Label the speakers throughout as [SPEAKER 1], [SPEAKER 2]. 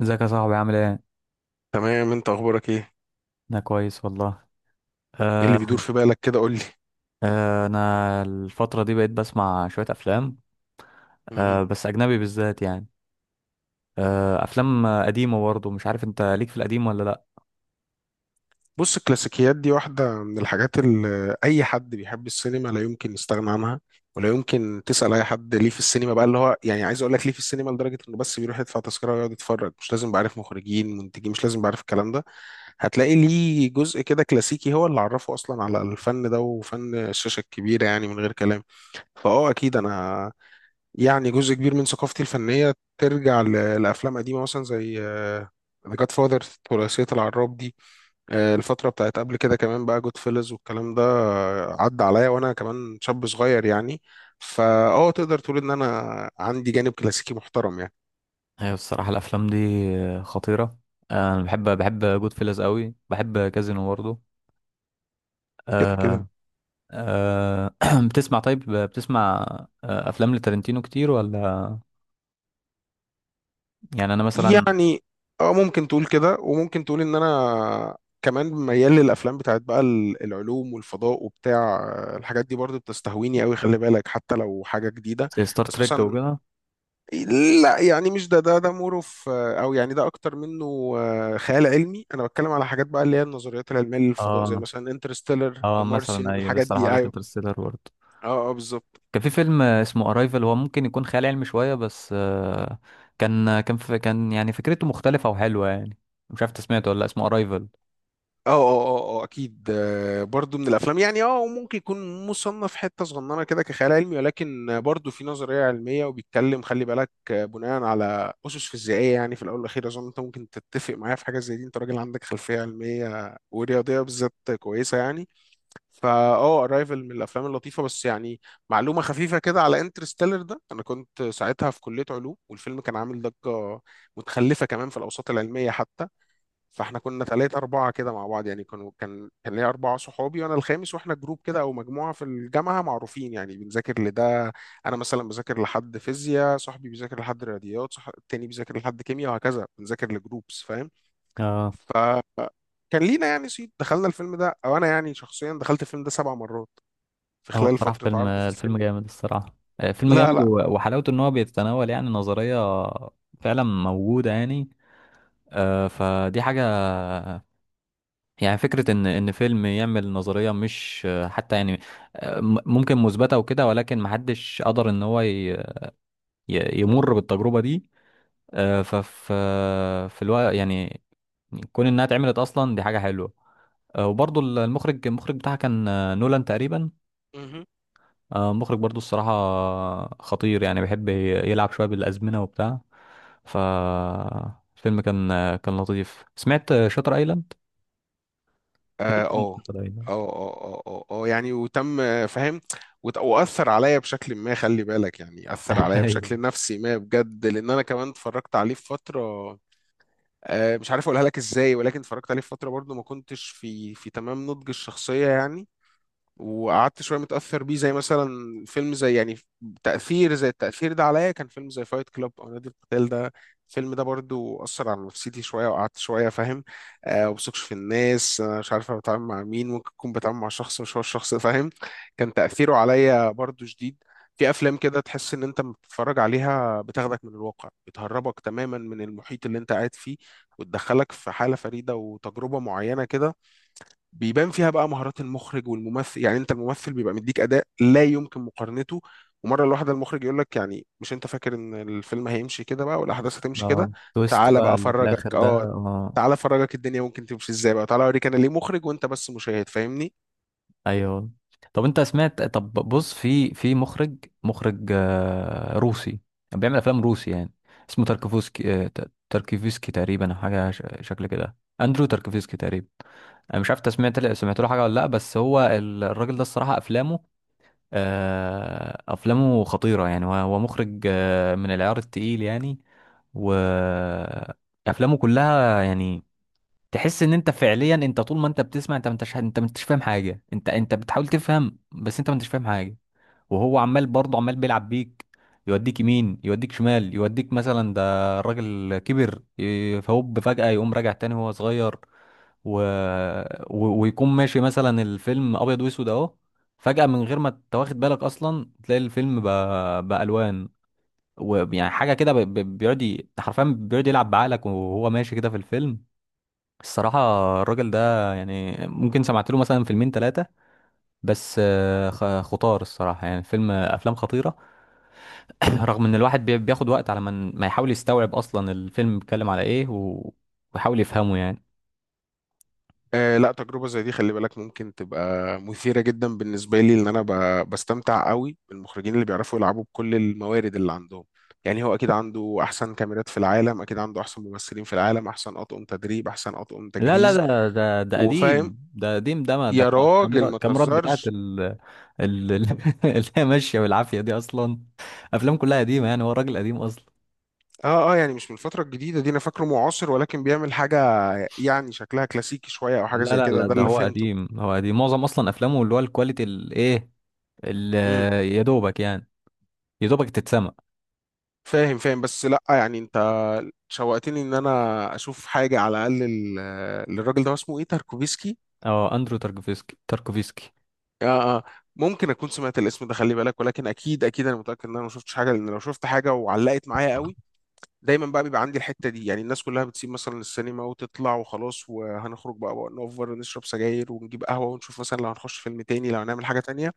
[SPEAKER 1] ازيك يا صاحبي عامل ايه؟
[SPEAKER 2] تمام، انت اخبارك ايه؟
[SPEAKER 1] انا كويس والله.
[SPEAKER 2] ايه اللي
[SPEAKER 1] آه
[SPEAKER 2] بيدور في بالك كده؟ قول لي.
[SPEAKER 1] انا الفترة دي بقيت بسمع شوية افلام.
[SPEAKER 2] مهم.
[SPEAKER 1] بس اجنبي بالذات يعني. افلام قديمة برضه، مش عارف انت ليك في القديم ولا لا؟
[SPEAKER 2] بص، الكلاسيكيات دي واحدة من الحاجات اللي أي حد بيحب السينما لا يمكن يستغنى عنها، ولا يمكن تسأل أي حد ليه في السينما بقى اللي هو يعني عايز أقول لك ليه في السينما لدرجة إنه بس بيروح يدفع تذكرة ويقعد يتفرج، مش لازم بعرف مخرجين منتجين، مش لازم بعرف الكلام ده. هتلاقي ليه جزء كده كلاسيكي هو اللي عرفه أصلا على الفن ده وفن الشاشة الكبيرة، يعني من غير كلام. فأه أكيد أنا يعني جزء كبير من ثقافتي الفنية ترجع لأفلام قديمة، مثلا زي ذا جاد فاذر، ثلاثية العراب دي. الفترة بتاعت قبل كده كمان بقى جود فيلز والكلام ده، آه، عدى عليا وأنا كمان شاب صغير يعني. فا اه تقدر تقول إن أنا عندي جانب كلاسيكي محترم يعني.
[SPEAKER 1] هي الصراحة الافلام دي خطيرة. انا بحب جود فيلز قوي، بحب كازينو برضه.
[SPEAKER 2] كده
[SPEAKER 1] آه
[SPEAKER 2] كده.
[SPEAKER 1] آه بتسمع؟ طيب، بتسمع افلام لتارنتينو كتير ولا؟ يعني انا مثلا
[SPEAKER 2] يعني اه ممكن تقول كده، وممكن تقول إن أنا كمان ميال للأفلام بتاعت بقى العلوم والفضاء وبتاع. الحاجات دي برضو بتستهويني قوي، خلي بالك، حتى لو حاجة جديدة.
[SPEAKER 1] زي ستار
[SPEAKER 2] بس
[SPEAKER 1] تريك
[SPEAKER 2] مثلا
[SPEAKER 1] وكده.
[SPEAKER 2] لا يعني مش ده مور اوف او يعني ده اكتر منه. خيال علمي، انا بتكلم على حاجات بقى اللي هي النظريات العلميه للفضاء، زي
[SPEAKER 1] اه
[SPEAKER 2] مثلا انترستيلر،
[SPEAKER 1] اه،
[SPEAKER 2] ذا
[SPEAKER 1] مثلا
[SPEAKER 2] مارسيان،
[SPEAKER 1] ايوه،
[SPEAKER 2] الحاجات
[SPEAKER 1] لسه راح
[SPEAKER 2] دي.
[SPEAKER 1] اقول لك
[SPEAKER 2] ايوه.
[SPEAKER 1] انترستيلر برضه.
[SPEAKER 2] اه اه بالظبط.
[SPEAKER 1] كان في فيلم اسمه ارايفل، هو ممكن يكون خيال علمي شويه بس، كان يعني فكرته مختلفه وحلوه يعني. مش عارف انت سمعته ولا لأ، اسمه ارايفل.
[SPEAKER 2] اه اكيد. برضو من الافلام يعني. اه وممكن يكون مصنف حته صغننه كده كخيال علمي، ولكن برضو في نظريه علميه وبيتكلم، خلي بالك، بناء على اسس فيزيائيه. يعني في الاول والاخير اظن انت ممكن تتفق معايا في حاجه زي دي، انت راجل عندك خلفيه علميه ورياضيه بالذات كويسه يعني. فا اه ارايفل من الافلام اللطيفه بس يعني. معلومه خفيفه كده على انترستيلر ده، انا كنت ساعتها في كليه علوم، والفيلم كان عامل ضجه متخلفه كمان في الاوساط العلميه حتى. فاحنا كنا ثلاثة أربعة كده مع بعض، يعني كان ليا أربعة صحابي وأنا الخامس، وإحنا جروب كده أو مجموعة في الجامعة معروفين يعني بنذاكر لده. أنا مثلا بذاكر لحد فيزياء، صاحبي بيذاكر لحد رياضيات، صح، التاني بيذاكر لحد كيمياء، وهكذا، بنذاكر لجروبس، فاهم؟
[SPEAKER 1] اه.
[SPEAKER 2] ف كان لينا يعني صيت. دخلنا الفيلم ده، او انا يعني شخصيا دخلت الفيلم ده سبع مرات في
[SPEAKER 1] هو
[SPEAKER 2] خلال
[SPEAKER 1] الصراحه،
[SPEAKER 2] فترة
[SPEAKER 1] فيلم
[SPEAKER 2] عرضه في السينما.
[SPEAKER 1] الفيلم جامد الصراحه. فيلم
[SPEAKER 2] لا
[SPEAKER 1] جامد،
[SPEAKER 2] لا.
[SPEAKER 1] و- وحلاوته ان هو بيتناول يعني نظريه فعلا موجوده يعني. فدي حاجه. يعني فكره ان فيلم يعمل نظريه مش حتى يعني ممكن مثبته وكده، ولكن محدش قدر ان هو يمر بالتجربه دي. آه، ففي في الوقت يعني، كون انها اتعملت اصلا دي حاجه حلوه. وبرضو المخرج بتاعها كان نولان تقريبا.
[SPEAKER 2] مهم.
[SPEAKER 1] مخرج برضو الصراحه خطير، يعني بيحب يلعب شويه بالازمنه وبتاع. ف الفيلم كان كان لطيف. سمعت شاتر ايلاند؟ اكيد
[SPEAKER 2] اه
[SPEAKER 1] سمعت
[SPEAKER 2] اه
[SPEAKER 1] شاتر ايلاند.
[SPEAKER 2] اه يعني وتم، فاهم. واثر عليا بشكل ما، خلي بالك، يعني اثر عليا
[SPEAKER 1] ايوه.
[SPEAKER 2] بشكل نفسي ما بجد، لان انا كمان اتفرجت عليه في فتره، مش عارف اقولها لك ازاي، ولكن اتفرجت عليه في فتره برضو ما كنتش في تمام نضج الشخصيه يعني. وقعدت شويه متاثر بيه، زي مثلا فيلم زي يعني، تاثير زي التاثير ده عليا كان فيلم زي فايت كلاب او نادي القتال ده. الفيلم ده برضو اثر على نفسيتي شويه وقعدت شويه، فاهم؟ آه، وبثقش في الناس، انا مش عارف أنا بتعامل مع مين، ممكن اكون بتعامل مع شخص مش هو الشخص، فاهم؟ كان تاثيره عليا برضو شديد. في افلام كده تحس ان انت لما بتتفرج عليها بتاخدك من الواقع، بتهربك تماما من المحيط اللي انت قاعد فيه، وتدخلك في حاله فريده وتجربه معينه كده، بيبان فيها بقى مهارات المخرج والممثل. يعني انت الممثل بيبقى مديك اداء لا يمكن مقارنته، ومره الواحده المخرج يقول لك يعني مش انت فاكر ان الفيلم هيمشي كده بقى والاحداث هتمشي كده،
[SPEAKER 1] اه، تويست
[SPEAKER 2] تعالى بقى
[SPEAKER 1] بقى اللي في
[SPEAKER 2] افرجك.
[SPEAKER 1] الاخر ده،
[SPEAKER 2] اه،
[SPEAKER 1] اه.
[SPEAKER 2] تعالى افرجك الدنيا ممكن تمشي ازاي بقى، تعالى اوريك انا ليه مخرج وانت بس مشاهد، فاهمني؟
[SPEAKER 1] ايوه. طب انت سمعت؟ طب بص، في مخرج، مخرج روسي، بيعمل افلام روسي يعني، اسمه تاركوفسكي. تاركوفسكي تقريبا، او حاجه شكل كده، اندرو تاركوفسكي تقريبا. انا مش عارف انت سمعت له حاجه ولا لا؟ بس هو الراجل ده، الصراحه افلامه افلامه خطيره يعني. هو مخرج من العيار التقيل يعني. و افلامه كلها يعني تحس ان انت فعليا، انت طول ما انت بتسمع، انت ما انتش فاهم حاجه. انت بتحاول تفهم بس انت ما انتش فاهم حاجه، وهو عمال برضه، عمال بيلعب بيك. يوديك يمين، يوديك شمال، يوديك مثلا. ده الراجل كبر فهوب فجأة يقوم راجع تاني وهو صغير، و... ويكون ماشي مثلا الفيلم ابيض واسود اهو، فجأة من غير ما تواخد بالك اصلا تلاقي الفيلم بقى بألوان. ويعني حاجة كده بيقعد حرفيا بيقعد يلعب بعقلك وهو ماشي كده في الفيلم الصراحة. الراجل ده يعني ممكن سمعت له مثلا فيلمين ثلاثة، بس خطار الصراحة يعني. أفلام خطيرة. رغم إن الواحد بياخد وقت على ما ما يحاول يستوعب أصلا الفيلم بيتكلم على إيه، ويحاول يفهمه يعني.
[SPEAKER 2] آه لا، تجربة زي دي خلي بالك ممكن تبقى مثيرة جدا بالنسبة لي، لأن أنا بستمتع قوي بالمخرجين اللي بيعرفوا يلعبوا بكل الموارد اللي عندهم. يعني هو أكيد عنده أحسن كاميرات في العالم، أكيد عنده أحسن ممثلين في العالم، أحسن أطقم تدريب، أحسن أطقم
[SPEAKER 1] لا لا،
[SPEAKER 2] تجهيز،
[SPEAKER 1] ده
[SPEAKER 2] وفاهم.
[SPEAKER 1] قديم، ده قديم، ده ما ده
[SPEAKER 2] يا راجل
[SPEAKER 1] كاميرا،
[SPEAKER 2] ما
[SPEAKER 1] كاميرات بتاعت
[SPEAKER 2] تهزرش.
[SPEAKER 1] ال- اللي هي ماشية بالعافية دي أصلا. أفلام كلها قديمة يعني، هو راجل قديم أصلا.
[SPEAKER 2] اه اه، يعني مش من الفترة الجديدة دي، أنا فاكره معاصر، ولكن بيعمل حاجة يعني شكلها كلاسيكي شوية أو حاجة
[SPEAKER 1] لا
[SPEAKER 2] زي
[SPEAKER 1] لا
[SPEAKER 2] كده،
[SPEAKER 1] لا،
[SPEAKER 2] ده
[SPEAKER 1] ده
[SPEAKER 2] اللي
[SPEAKER 1] هو
[SPEAKER 2] فهمته.
[SPEAKER 1] قديم، هو قديم معظم أصلا أفلامه. اللي هو الكواليتي الإيه، ال- يا دوبك يعني، يا دوبك تتسمع.
[SPEAKER 2] فاهم فاهم. بس لا يعني انت شوقتني ان انا اشوف حاجه على الاقل للراجل ده، هو اسمه ايه، تاركوفسكي.
[SPEAKER 1] اه، اندرو تاركوفسكي، تاركوفسكي.
[SPEAKER 2] اه اه. ممكن اكون سمعت الاسم ده، خلي بالك، ولكن اكيد اكيد انا متاكد ان انا ما شفتش حاجه، لان لو شفت حاجه وعلقت معايا قوي. دايما بقى بيبقى عندي الحته دي، يعني الناس كلها بتسيب مثلا السينما وتطلع وخلاص، وهنخرج بقى نوفر نشرب سجاير ونجيب قهوه، ونشوف مثلا لو هنخش فيلم تاني، لو هنعمل حاجه تانيه.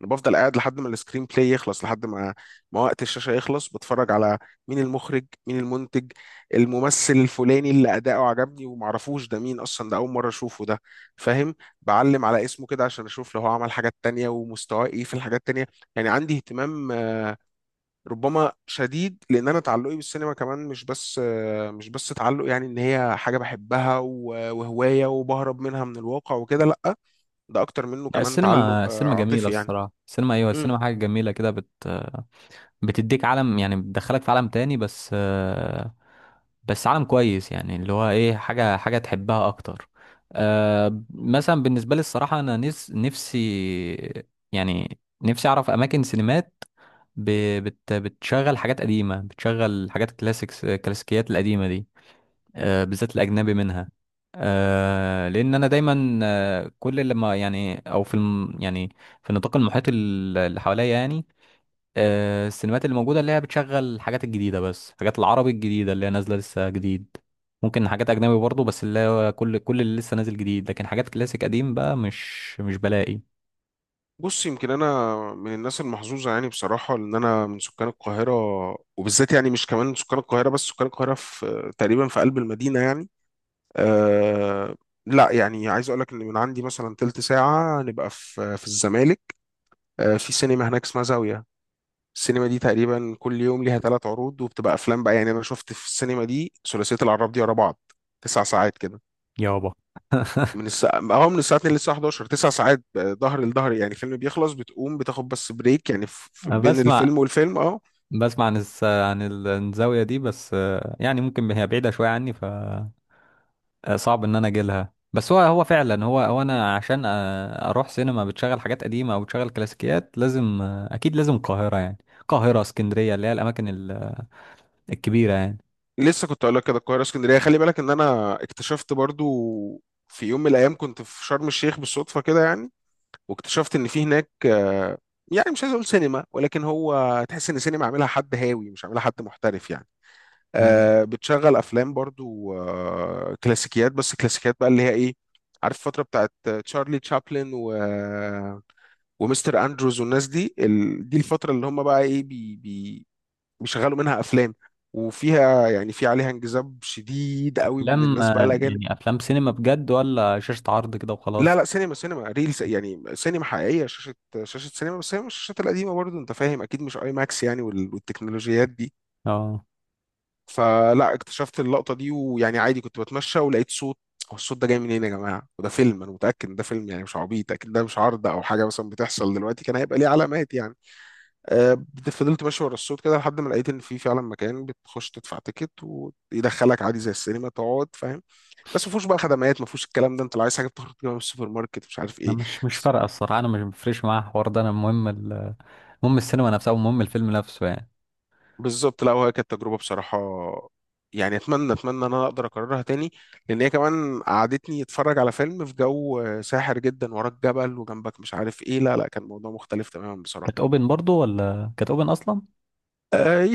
[SPEAKER 2] انا بفضل قاعد لحد ما السكرين بلاي يخلص، لحد ما وقت الشاشه يخلص، بتفرج على مين المخرج، مين المنتج، الممثل الفلاني اللي اداؤه عجبني ومعرفوش ده مين اصلا، ده اول مره اشوفه ده، فاهم؟ بعلم على اسمه كده عشان اشوف لو هو عمل حاجات تانية ومستواه ايه في الحاجات التانية. يعني عندي اهتمام ربما شديد، لان انا تعلقي بالسينما كمان مش بس مش بس تعلق يعني ان هي حاجه بحبها وهوايه وبهرب منها من الواقع وكده، لا، ده اكتر منه
[SPEAKER 1] لا،
[SPEAKER 2] كمان تعلق
[SPEAKER 1] السينما السينما جميلة
[SPEAKER 2] عاطفي يعني.
[SPEAKER 1] الصراحة. السينما، ايوه السينما حاجة جميلة كده. بتديك عالم يعني، بتدخلك في عالم تاني، بس بس عالم كويس يعني، اللي هو ايه، حاجة تحبها اكتر. مثلا بالنسبة لي الصراحة انا نفسي، يعني نفسي اعرف اماكن سينمات ب- بت بتشغل حاجات قديمة، بتشغل حاجات كلاسيكس، الكلاسيكيات القديمة دي، بالذات الأجنبي منها. لأن أنا دايما كل لما يعني، أو في يعني في النطاق المحيط اللي حواليا يعني، السينمات اللي موجودة اللي هي بتشغل الحاجات الجديدة، بس الحاجات العربي الجديدة اللي هي نازلة لسه جديد. ممكن حاجات أجنبي برضه، بس اللي هو كل اللي لسه نازل جديد، لكن حاجات كلاسيك قديم بقى مش بلاقي.
[SPEAKER 2] بص، يمكن انا من الناس المحظوظه يعني بصراحه، ان انا من سكان القاهره، وبالذات يعني مش كمان سكان القاهره بس، سكان القاهره في تقريبا في قلب المدينه يعني. أه لا يعني عايز اقول لك ان من عندي مثلا تلت ساعه نبقى في في الزمالك. أه، في سينما هناك اسمها زاويه. السينما دي تقريبا كل يوم ليها ثلاث عروض، وبتبقى افلام بقى. يعني انا شفت في السينما دي ثلاثيه العراب دي ورا بعض، تسع ساعات كده،
[SPEAKER 1] يابا.
[SPEAKER 2] من الساعة هو من الساعة 2 للساعة 11، تسع ساعات. ظهر لظهر يعني، الفيلم بيخلص بتقوم بتاخد بس بريك يعني في في
[SPEAKER 1] أنا
[SPEAKER 2] بين
[SPEAKER 1] بسمع،
[SPEAKER 2] الفيلم والفيلم. اه،
[SPEAKER 1] عن عن الزاوية دي، بس يعني ممكن هي بعيدة شوية عني. ف صعب ان انا اجي لها. بس هو فعلا، هو انا عشان اروح سينما بتشغل حاجات قديمه او بتشغل كلاسيكيات لازم اكيد لازم القاهره، يعني القاهره، اسكندريه، اللي هي الاماكن الكبيره يعني.
[SPEAKER 2] لسه كنت اقول لك كده، القاهرة اسكندرية، خلي بالك ان انا اكتشفت برضو في يوم من الايام كنت في شرم الشيخ بالصدفة كده يعني، واكتشفت ان في هناك، يعني مش عايز اقول سينما، ولكن هو تحس ان سينما عاملها حد هاوي مش عاملها حد محترف يعني.
[SPEAKER 1] مم.
[SPEAKER 2] بتشغل افلام برضو، كلاسيكيات، بس كلاسيكيات بقى اللي هي ايه، عارف، الفترة بتاعت تشارلي تشابلن و ومستر اندروز والناس دي، دي الفتره اللي هم بقى ايه بيشغلوا منها افلام، وفيها يعني في عليها انجذاب شديد قوي من
[SPEAKER 1] افلام،
[SPEAKER 2] الناس بقى الاجانب.
[SPEAKER 1] يعني افلام سينما بجد ولا شاشه عرض كده
[SPEAKER 2] لا
[SPEAKER 1] وخلاص؟
[SPEAKER 2] لا، سينما، سينما ريلز يعني، سينما حقيقيه، شاشه سينما، بس هي مش الشاشات القديمه برضه، انت فاهم، اكيد مش اي ماكس يعني والتكنولوجيات دي.
[SPEAKER 1] اه،
[SPEAKER 2] فلا اكتشفت اللقطه دي، ويعني عادي كنت بتمشى ولقيت صوت، هو الصوت ده جاي منين يا جماعه، وده فيلم انا متاكد ان ده فيلم يعني مش عبيط، اكيد ده مش عرض او حاجه مثلا بتحصل دلوقتي، كان هيبقى ليه علامات يعني. آه، فضلت ماشي ورا الصوت كده لحد ما لقيت ان في فعلا مكان بتخش تدفع تيكت ويدخلك عادي زي السينما تقعد، فاهم؟ بس ما فيهوش بقى خدمات، ما فيهوش الكلام ده، انت لو عايز حاجه بتخرج تجيبها من السوبر ماركت مش عارف
[SPEAKER 1] انا
[SPEAKER 2] ايه.
[SPEAKER 1] مش
[SPEAKER 2] بس-
[SPEAKER 1] فارقه الصراحه. انا مش مفرش معايا الحوار ده، انا المهم المهم السينما نفسها، ومهم الفيلم نفسه يعني.
[SPEAKER 2] بالظبط. لا، وهي كانت تجربه بصراحه، يعني اتمنى ان انا اقدر اكررها تاني، لان هي كمان قعدتني اتفرج على فيلم في جو ساحر جدا، وراك جبل وجنبك مش عارف ايه، لا لا كان موضوع مختلف تماما
[SPEAKER 1] كانت
[SPEAKER 2] بصراحه.
[SPEAKER 1] اوبن برضو ولا كانت اوبن اصلا؟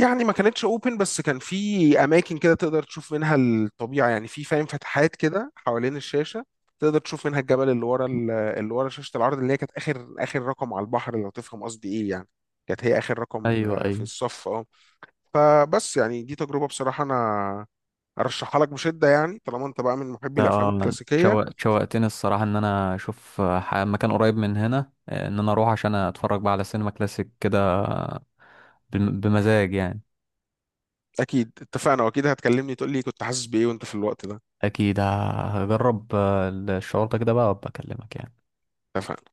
[SPEAKER 2] يعني ما كانتش اوبن، بس كان في اماكن كده تقدر تشوف منها الطبيعه يعني، في فاهم فتحات كده حوالين الشاشه، تقدر تشوف منها الجبل اللي ورا اللي ورا شاشه العرض، اللي هي كانت اخر رقم على البحر لو تفهم قصدي ايه يعني. كانت هي اخر رقم
[SPEAKER 1] ايوه
[SPEAKER 2] في
[SPEAKER 1] ايوه.
[SPEAKER 2] الصف. اه. فبس يعني دي تجربه بصراحه انا ارشحها لك بشده، يعني طالما انت بقى من محبي الافلام
[SPEAKER 1] اه،
[SPEAKER 2] الكلاسيكيه.
[SPEAKER 1] شوقتني الصراحة ان انا اشوف مكان قريب من هنا، ان انا اروح عشان اتفرج بقى على سينما كلاسيك كده، بمزاج يعني.
[SPEAKER 2] اكيد اتفقنا، واكيد هتكلمني تقول لي كنت حاسس بايه وانت في الوقت ده.
[SPEAKER 1] اكيد هجرب الشعور ده كده بقى، وابقى اكلمك يعني.
[SPEAKER 2] اتفقنا.